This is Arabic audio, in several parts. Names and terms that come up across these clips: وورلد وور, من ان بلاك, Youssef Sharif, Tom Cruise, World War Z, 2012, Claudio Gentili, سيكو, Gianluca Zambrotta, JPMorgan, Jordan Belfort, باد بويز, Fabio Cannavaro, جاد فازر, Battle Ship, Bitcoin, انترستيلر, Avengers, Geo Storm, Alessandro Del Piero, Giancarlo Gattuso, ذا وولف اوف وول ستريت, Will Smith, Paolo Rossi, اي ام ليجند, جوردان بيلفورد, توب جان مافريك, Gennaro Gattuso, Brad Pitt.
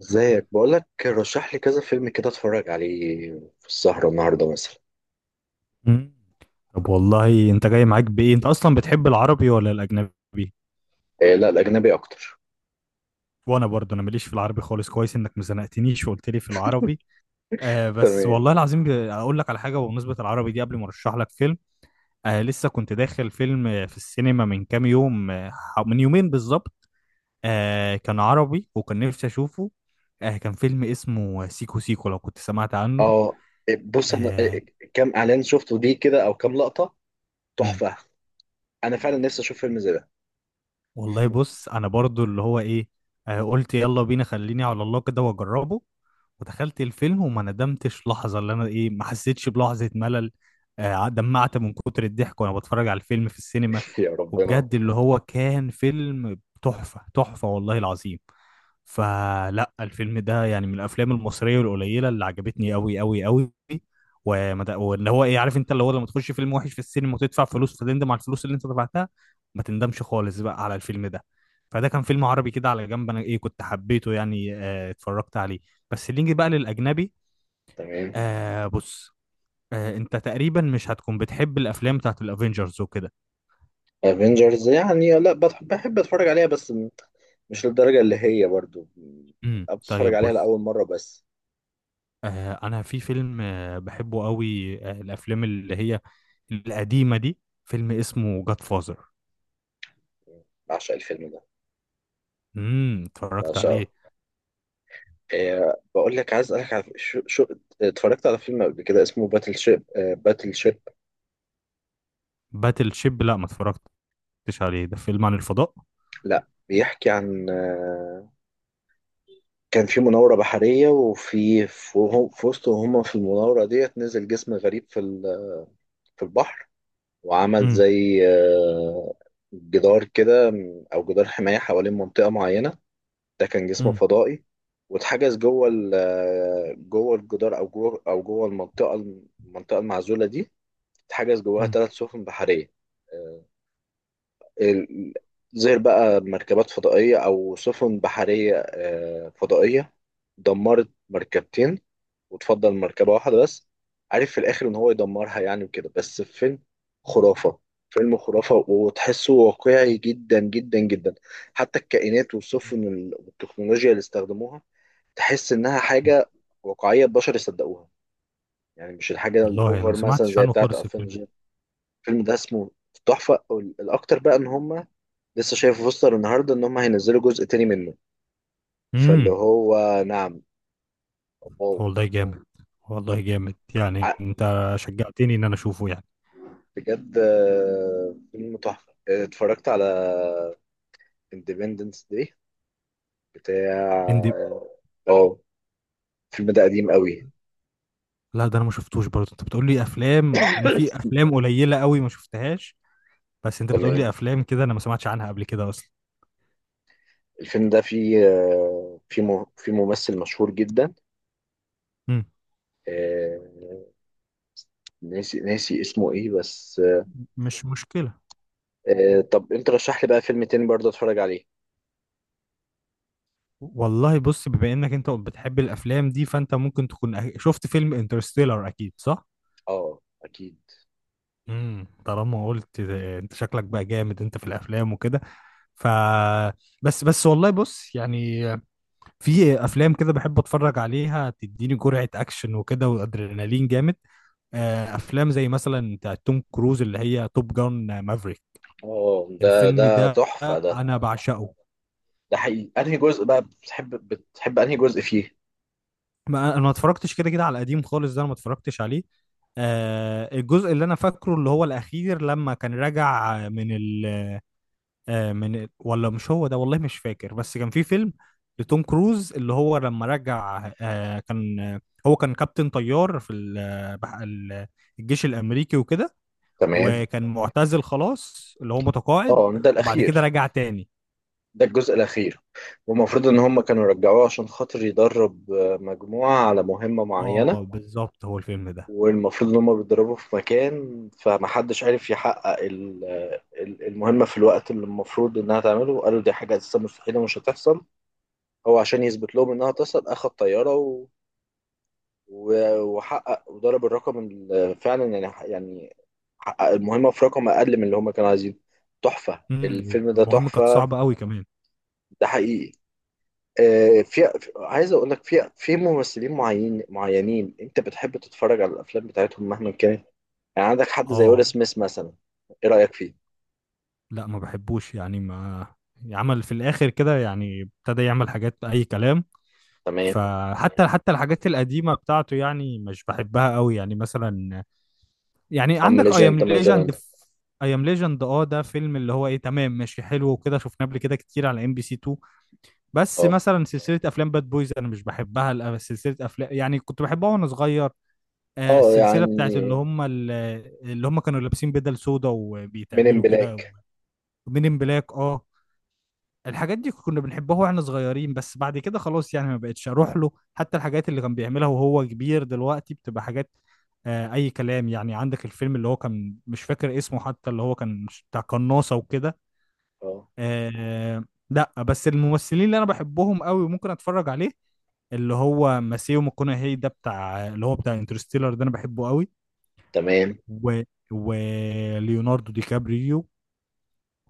ازيك، بقولك رشح لي كذا فيلم كده اتفرج عليه في السهرة النهاردة مثلا. مم. طب والله انت جاي معاك بايه، انت اصلا بتحب العربي ولا الاجنبي؟ إيه، لا، الأجنبي أكتر. وانا برضه انا ماليش في العربي خالص، كويس انك ما زنقتنيش وقلت لي في العربي. بس تمام. والله العظيم، اقول لك على حاجه بمناسبه العربي دي قبل ما ارشح لك فيلم. لسه كنت داخل فيلم في السينما من كام يوم، من يومين بالظبط. كان عربي وكان نفسي اشوفه. كان فيلم اسمه سيكو سيكو، لو كنت سمعت عنه. اه. إيه، بص أنا، آه كام إعلان شفته ليه كده، أو كام لقطة. تحفة. أنا فعلا نفسي أشوف فيلم زي ده. والله بص، انا برضو اللي هو ايه. قلت يلا بينا، خليني على الله كده واجربه. ودخلت الفيلم وما ندمتش لحظة، اللي انا ايه، ما حسيتش بلحظة ملل. دمعت من كتر الضحك وانا بتفرج على الفيلم في السينما. يا ربنا. وبجد اللي هو كان فيلم تحفة تحفة، والله العظيم. فلا الفيلم ده يعني من الافلام المصريه القليله اللي عجبتني قوي قوي قوي. واللي هو ايه، عارف انت، اللي هو لما تخش فيلم وحش في السينما وتدفع فلوس، فتندم على الفلوس اللي انت دفعتها. ما تندمش خالص بقى على الفيلم ده. فده كان فيلم عربي كده على جنب، انا ايه كنت حبيته يعني، اتفرجت عليه. بس اللي نيجي بقى للاجنبي. تمام. بص. انت تقريبا مش هتكون بتحب الافلام بتاعت الافينجرز وكده. افنجرز يعني لا بحب أتفرج عليها، بس مش للدرجة اللي هي برضو، بتفرج طيب عليها بص. لأول مرة بس. انا في فيلم بحبه قوي، الافلام اللي هي القديمة دي، فيلم اسمه جاد فازر. بعشق الفيلم ده. اتفرجت بعشقه. عليه. بقول لك عايز اسالك على شو. اتفرجت على فيلم قبل كده اسمه باتل شيب، باتل شيب. باتل شيب لا، ما اتفرجتش عليه، ده فيلم عن الفضاء. لا، بيحكي عن، كان في مناورة بحرية، وفي في وسط وهم في المناورة ديت نزل جسم غريب في البحر. وعمل امم. زي، جدار كده، او جدار حماية حوالين منطقة معينة. ده كان جسم امم. فضائي. واتحجز جوه جوه الجدار او جوه المنطقة، المنطقة المعزولة دي. اتحجز جواها امم. ثلاث سفن بحرية، آه، ال- زي بقى مركبات فضائية أو سفن بحرية، فضائية، دمرت مركبتين، وتفضل مركبة واحدة بس. عارف في الآخر إن هو يدمرها يعني وكده. بس فيلم خرافة. فيلم خرافة وتحسه واقعي جدا جدا جدا. حتى الكائنات والسفن والتكنولوجيا اللي استخدموها تحس إنها أمم. حاجة واقعية، البشر يصدقوها. يعني مش الحاجة والله انا ما الأوفر مثلا سمعتش زي عنه بتاعة خالص الفيلم ده. أفنجر. الفيلم ده اسمه تحفة. الأكتر بقى إن هما لسه شايف بوستر النهارده ان هم هينزلوا جزء تاني منه، فاللي امم. هو. نعم. واو. والله جامد، والله جامد يعني، ع- انت شجعتني ان انا اشوفه يعني. بجد، فيلم تحفه، اتفرجت على اندبندنس داي بتاع. اندي. اه. الفيلم ده قديم قوي. لا ده انا ما شفتوش، برضه انت بتقول لي افلام، انا في افلام قليلة قوي ما شفتهاش. بس انت بتقول لي تمام. افلام كده انا ما سمعتش عنها قبل كده اصلا. الفيلم ده فيه ممثل مشهور جدا، امم آه، ناسي اسمه ايه بس. مش مشكلة. طب انت رشح لي بقى فيلم تاني برضه اتفرج عليه. والله بص، بما انك انت بتحب الافلام دي، فانت ممكن تكون شفت فيلم انترستيلر، اكيد صح؟ اه، اكيد. طالما قلت انت شكلك بقى جامد انت في الافلام وكده. ف بس بس والله بص يعني، في افلام كده بحب اتفرج عليها، تديني جرعة اكشن وكده وادرينالين جامد. افلام زي مثلا بتاع توم كروز اللي هي توب جان مافريك. اه، ده الفيلم ده ده تحفه ده. انا بعشقه. ده حقيقي، انهي جزء بقى بتحب انهي جزء فيه؟ ما انا ما اتفرجتش كده كده على القديم خالص، ده انا ما اتفرجتش عليه. الجزء اللي انا فاكره اللي هو الاخير، لما كان راجع من ال من ال، ولا مش هو ده، والله مش فاكر، بس كان في فيلم لتوم كروز اللي هو لما رجع كان، هو كان كابتن طيار في الجيش الامريكي وكده. تمام. وكان معتزل خلاص اللي هو متقاعد. اه، ده وبعد كده الاخير. رجع تاني. ده الجزء الاخير، والمفروض ان هم كانوا رجعوه عشان خاطر يدرب، مجموعة على مهمة اه معينة. بالظبط، هو الفيلم ده. والمفروض ان هم بيتدربوا في مكان، فمحدش عارف يحقق المهمة في الوقت اللي المفروض انها تعمله، قالوا دي حاجة اساسا مستحيلة مش هتحصل. هو عشان يثبت لهم انها تحصل اخد طيارة وحقق وضرب الرقم، فعلا يعني يعني حقق المهمة في رقم أقل من اللي هما كانوا عايزينه. تحفة الفيلم ده المهم كانت تحفة. صعبة قوي كمان. ده حقيقي. عايز أقول لك في ممثلين معينين أنت بتحب تتفرج على الأفلام بتاعتهم مهما كانت. يعني عندك حد زي اه ويل سميث مثلا، إيه رأيك فيه؟ لا، ما بحبوش يعني، ما عمل في الاخر كده يعني، ابتدى يعمل حاجات اي كلام. تمام. فحتى الحاجات القديمه بتاعته يعني مش بحبها قوي، يعني مثلا، يعني أما عندك اي ام ليجند مثلا. ليجند. اي ام ليجند، اه ده فيلم اللي هو ايه، تمام ماشي حلو وكده، شفناه قبل كده كتير على MBC 2. بس أه. مثلا سلسله افلام باد بويز انا مش بحبها، لأ، سلسله افلام يعني كنت بحبها وانا صغير. أه، السلسله يعني، بتاعت اللي هم اللي هم كانوا لابسين بدل سودا من إن وبيتعملوا كده. بلاك. مين ان بلاك، اه. الحاجات دي كنا بنحبها واحنا صغيرين، بس بعد كده خلاص يعني ما بقتش اروح له، حتى الحاجات اللي كان بيعملها وهو كبير دلوقتي بتبقى حاجات اي كلام. يعني عندك الفيلم اللي هو كان مش فاكر اسمه، حتى اللي هو كان بتاع قناصة وكده. أه. آه. لا بس الممثلين اللي انا بحبهم قوي وممكن اتفرج عليه، اللي هو ماسيو ماكونهي ده بتاع اللي هو بتاع انترستيلر ده، انا بحبه قوي. تمام. و وليوناردو دي كابريو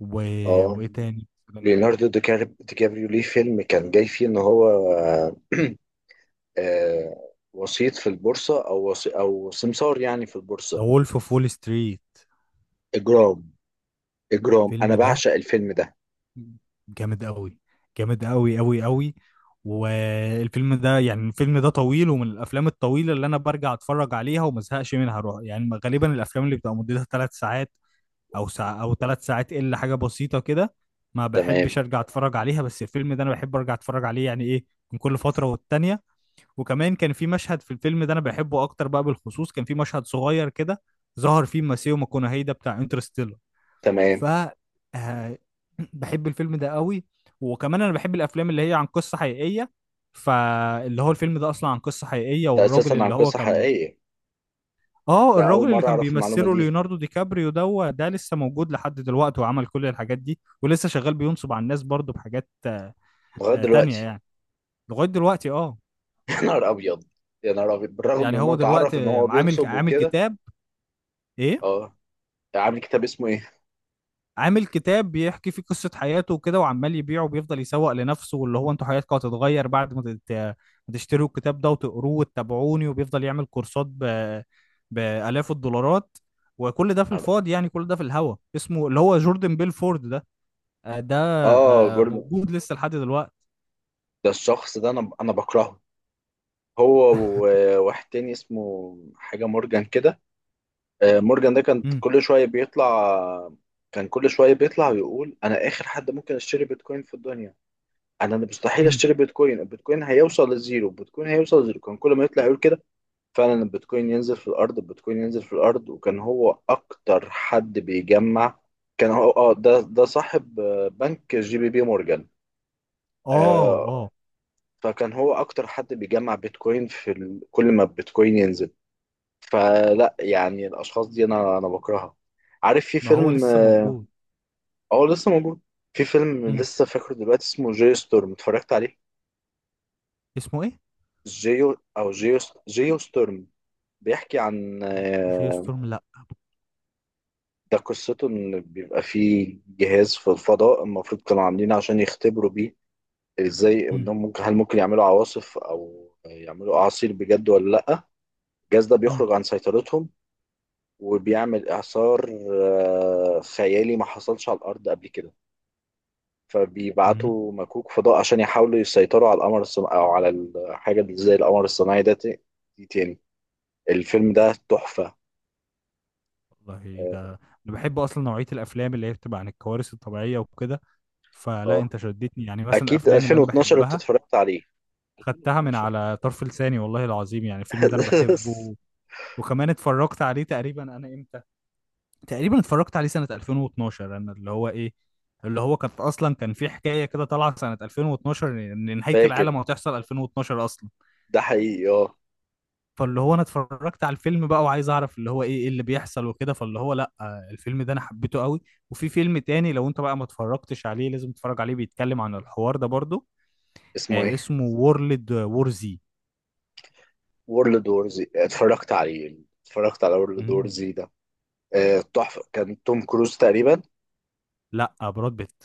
و... أه، وايه تاني؟ ليوناردو دي كابريو ليه فيلم كان جاي فيه إن هو وسيط في البورصة، أو أو سمسار يعني في ذا البورصة. وولف اوف وول ستريت. إجرام. إجرام، أنا الفيلم ده بعشق الفيلم ده. جامد قوي، جامد قوي قوي قوي. والفيلم ده يعني الفيلم ده طويل، ومن الافلام الطويله اللي انا برجع اتفرج عليها وما ازهقش منها، روح يعني غالبا الافلام اللي بتبقى مدتها 3 ساعات او ساعة او 3 ساعات الا حاجه بسيطه كده، ما بحبش تمام. ارجع اتفرج عليها، بس الفيلم ده انا بحب ارجع اتفرج عليه يعني ايه، من كل فتره والتانيه. وكمان كان في مشهد في الفيلم ده انا بحبه اكتر بقى بالخصوص، كان في مشهد صغير كده ظهر فيه ماسيو ماكونهي ده بتاع انترستيلر. ف تمام. آه، بحب الفيلم ده قوي. وكمان انا بحب الافلام اللي هي عن قصة حقيقية، فاللي هو الفيلم ده اصلا عن قصة حقيقية، ده أساسا والراجل عن اللي هو قصة كان، حقيقية. اه ده أول الراجل اللي مرة كان أعرف المعلومة بيمثله دي ليوناردو دي كابريو ده لسه موجود لحد دلوقتي، وعمل كل الحاجات دي، ولسه شغال بينصب على الناس برضه بحاجات لغاية تانية دلوقتي. يعني. لغاية دلوقتي اه. يا نهار أبيض. يا نهار أبيض، بالرغم من يعني إنه هو اتعرف إن دلوقتي هو عامل بينصب عامل وكده. كتاب. ايه، أه. عامل كتاب اسمه إيه؟ عامل كتاب بيحكي فيه قصة حياته وكده، وعمال يبيعه، وبيفضل يسوق لنفسه واللي هو انتوا حياتكم هتتغير بعد ما تشتروا الكتاب ده وتقروه وتتابعوني، وبيفضل يعمل كورسات بآلاف الدولارات. وكل ده في نهار أبيض. الفاضي يعني، كل ده في الهوا، اسمه اللي هو جوردن بيلفورد ده. ده. أه، جوردن. موجود لسه لحد دلوقتي. ده الشخص ده أنا بكرهه، هو وواحد تاني اسمه حاجة مورجان كده. مورجان ده كان امم. كل شوية بيطلع، كان كل شوية بيطلع ويقول أنا آخر حد ممكن أشتري بيتكوين في الدنيا، أنا مستحيل امم. أشتري بيتكوين، البيتكوين هيوصل للزيرو، البيتكوين هيوصل للزيرو، كان كل ما يطلع يقول كده. فعلا البيتكوين ينزل في الأرض، البيتكوين ينزل في الأرض، وكان هو أكتر حد بيجمع. كان هو ده صاحب، بنك جي بي مورجان، اه. اه. آه، فكان هو أكتر حد بيجمع بيتكوين كل ما البيتكوين ينزل. فلا يعني الأشخاص دي أنا بكرهها. عارف في ما هو فيلم. لسه موجود. اه، لسه موجود. في فيلم امم لسه فاكره دلوقتي اسمه جيو ستورم، اتفرجت عليه. اسمه ايه؟ جيو جيو ستورم، بيحكي عن، جي ستورم لا. ده قصته ان بيبقى فيه جهاز في الفضاء، المفروض كانوا عاملينه عشان يختبروا بيه ازاي امم. انهم ممكن، هل ممكن يعملوا عواصف او يعملوا اعاصير بجد ولا لا. الجهاز ده امم. بيخرج عن سيطرتهم، وبيعمل اعصار، خيالي ما حصلش على الارض قبل كده، امم. فبيبعتوا مكوك فضاء عشان يحاولوا يسيطروا على القمر الصناعي او على الحاجه اللي زي القمر الصناعي ده. دي تاني. الفيلم ده تحفه. والله اه، ده، انا بحب اصلا نوعيه الافلام اللي هي بتبقى عن الكوارث الطبيعيه وكده، فلا آه. انت شدتني يعني، مثلا اكيد الافلام اللي انا 2012 انت بحبها. اتفرجت عليه. خدتها من 2012. على طرف لساني والله العظيم، يعني الفيلم ده انا بحبه. وكمان اتفرجت عليه تقريبا، انا امتى؟ تقريبا اتفرجت عليه سنه 2012، انا اللي هو ايه، اللي هو كانت اصلا كان في حكايه كده طالعه سنه 2012، إن نهايه فاكر. العالم هتحصل 2012 اصلا. ده حقيقي، اه. فاللي هو انا اتفرجت على الفيلم بقى، وعايز اعرف اللي هو ايه اللي بيحصل وكده، فاللي هو لا، الفيلم ده انا حبيته قوي. وفي فيلم تاني لو انت بقى ما اتفرجتش عليه لازم تتفرج عليه، بيتكلم عن الحوار ده برضو. اسمه ايه؟ اسمه وورلد وور زي. وورلد وورز، اتفرجت عليه. اتفرجت على وورلد مم. وورز ده، تحفه، كان توم كروز تقريبا. لا براد بيت،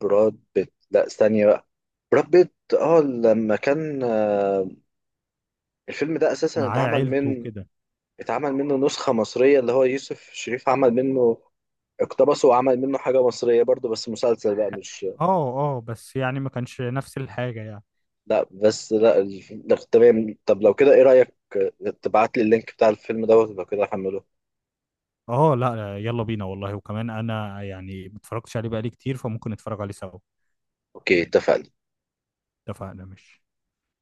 براد بيت، لا، استني بقى. براد بيت. اه، لما كان، الفيلم ده اساسا معاه اتعمل عيلته من، وكده. اتعمل منه نسخة مصرية اللي هو يوسف شريف عمل منه، اقتبسه وعمل منه حاجة مصرية برضه، بس مسلسل بقى مش. اه. اه بس يعني ما كانش نفس الحاجة يعني. لا بس لا لا، تمام، طب لو كده ايه رأيك، تبعت لي اللينك بتاع الفيلم دوت لو كده احمله. اه لا، يلا بينا والله، وكمان انا يعني ما اتفرجتش عليه بقالي كتير، فممكن نتفرج عليه سوا. اوكي، اتفقنا. اتفقنا ماشي.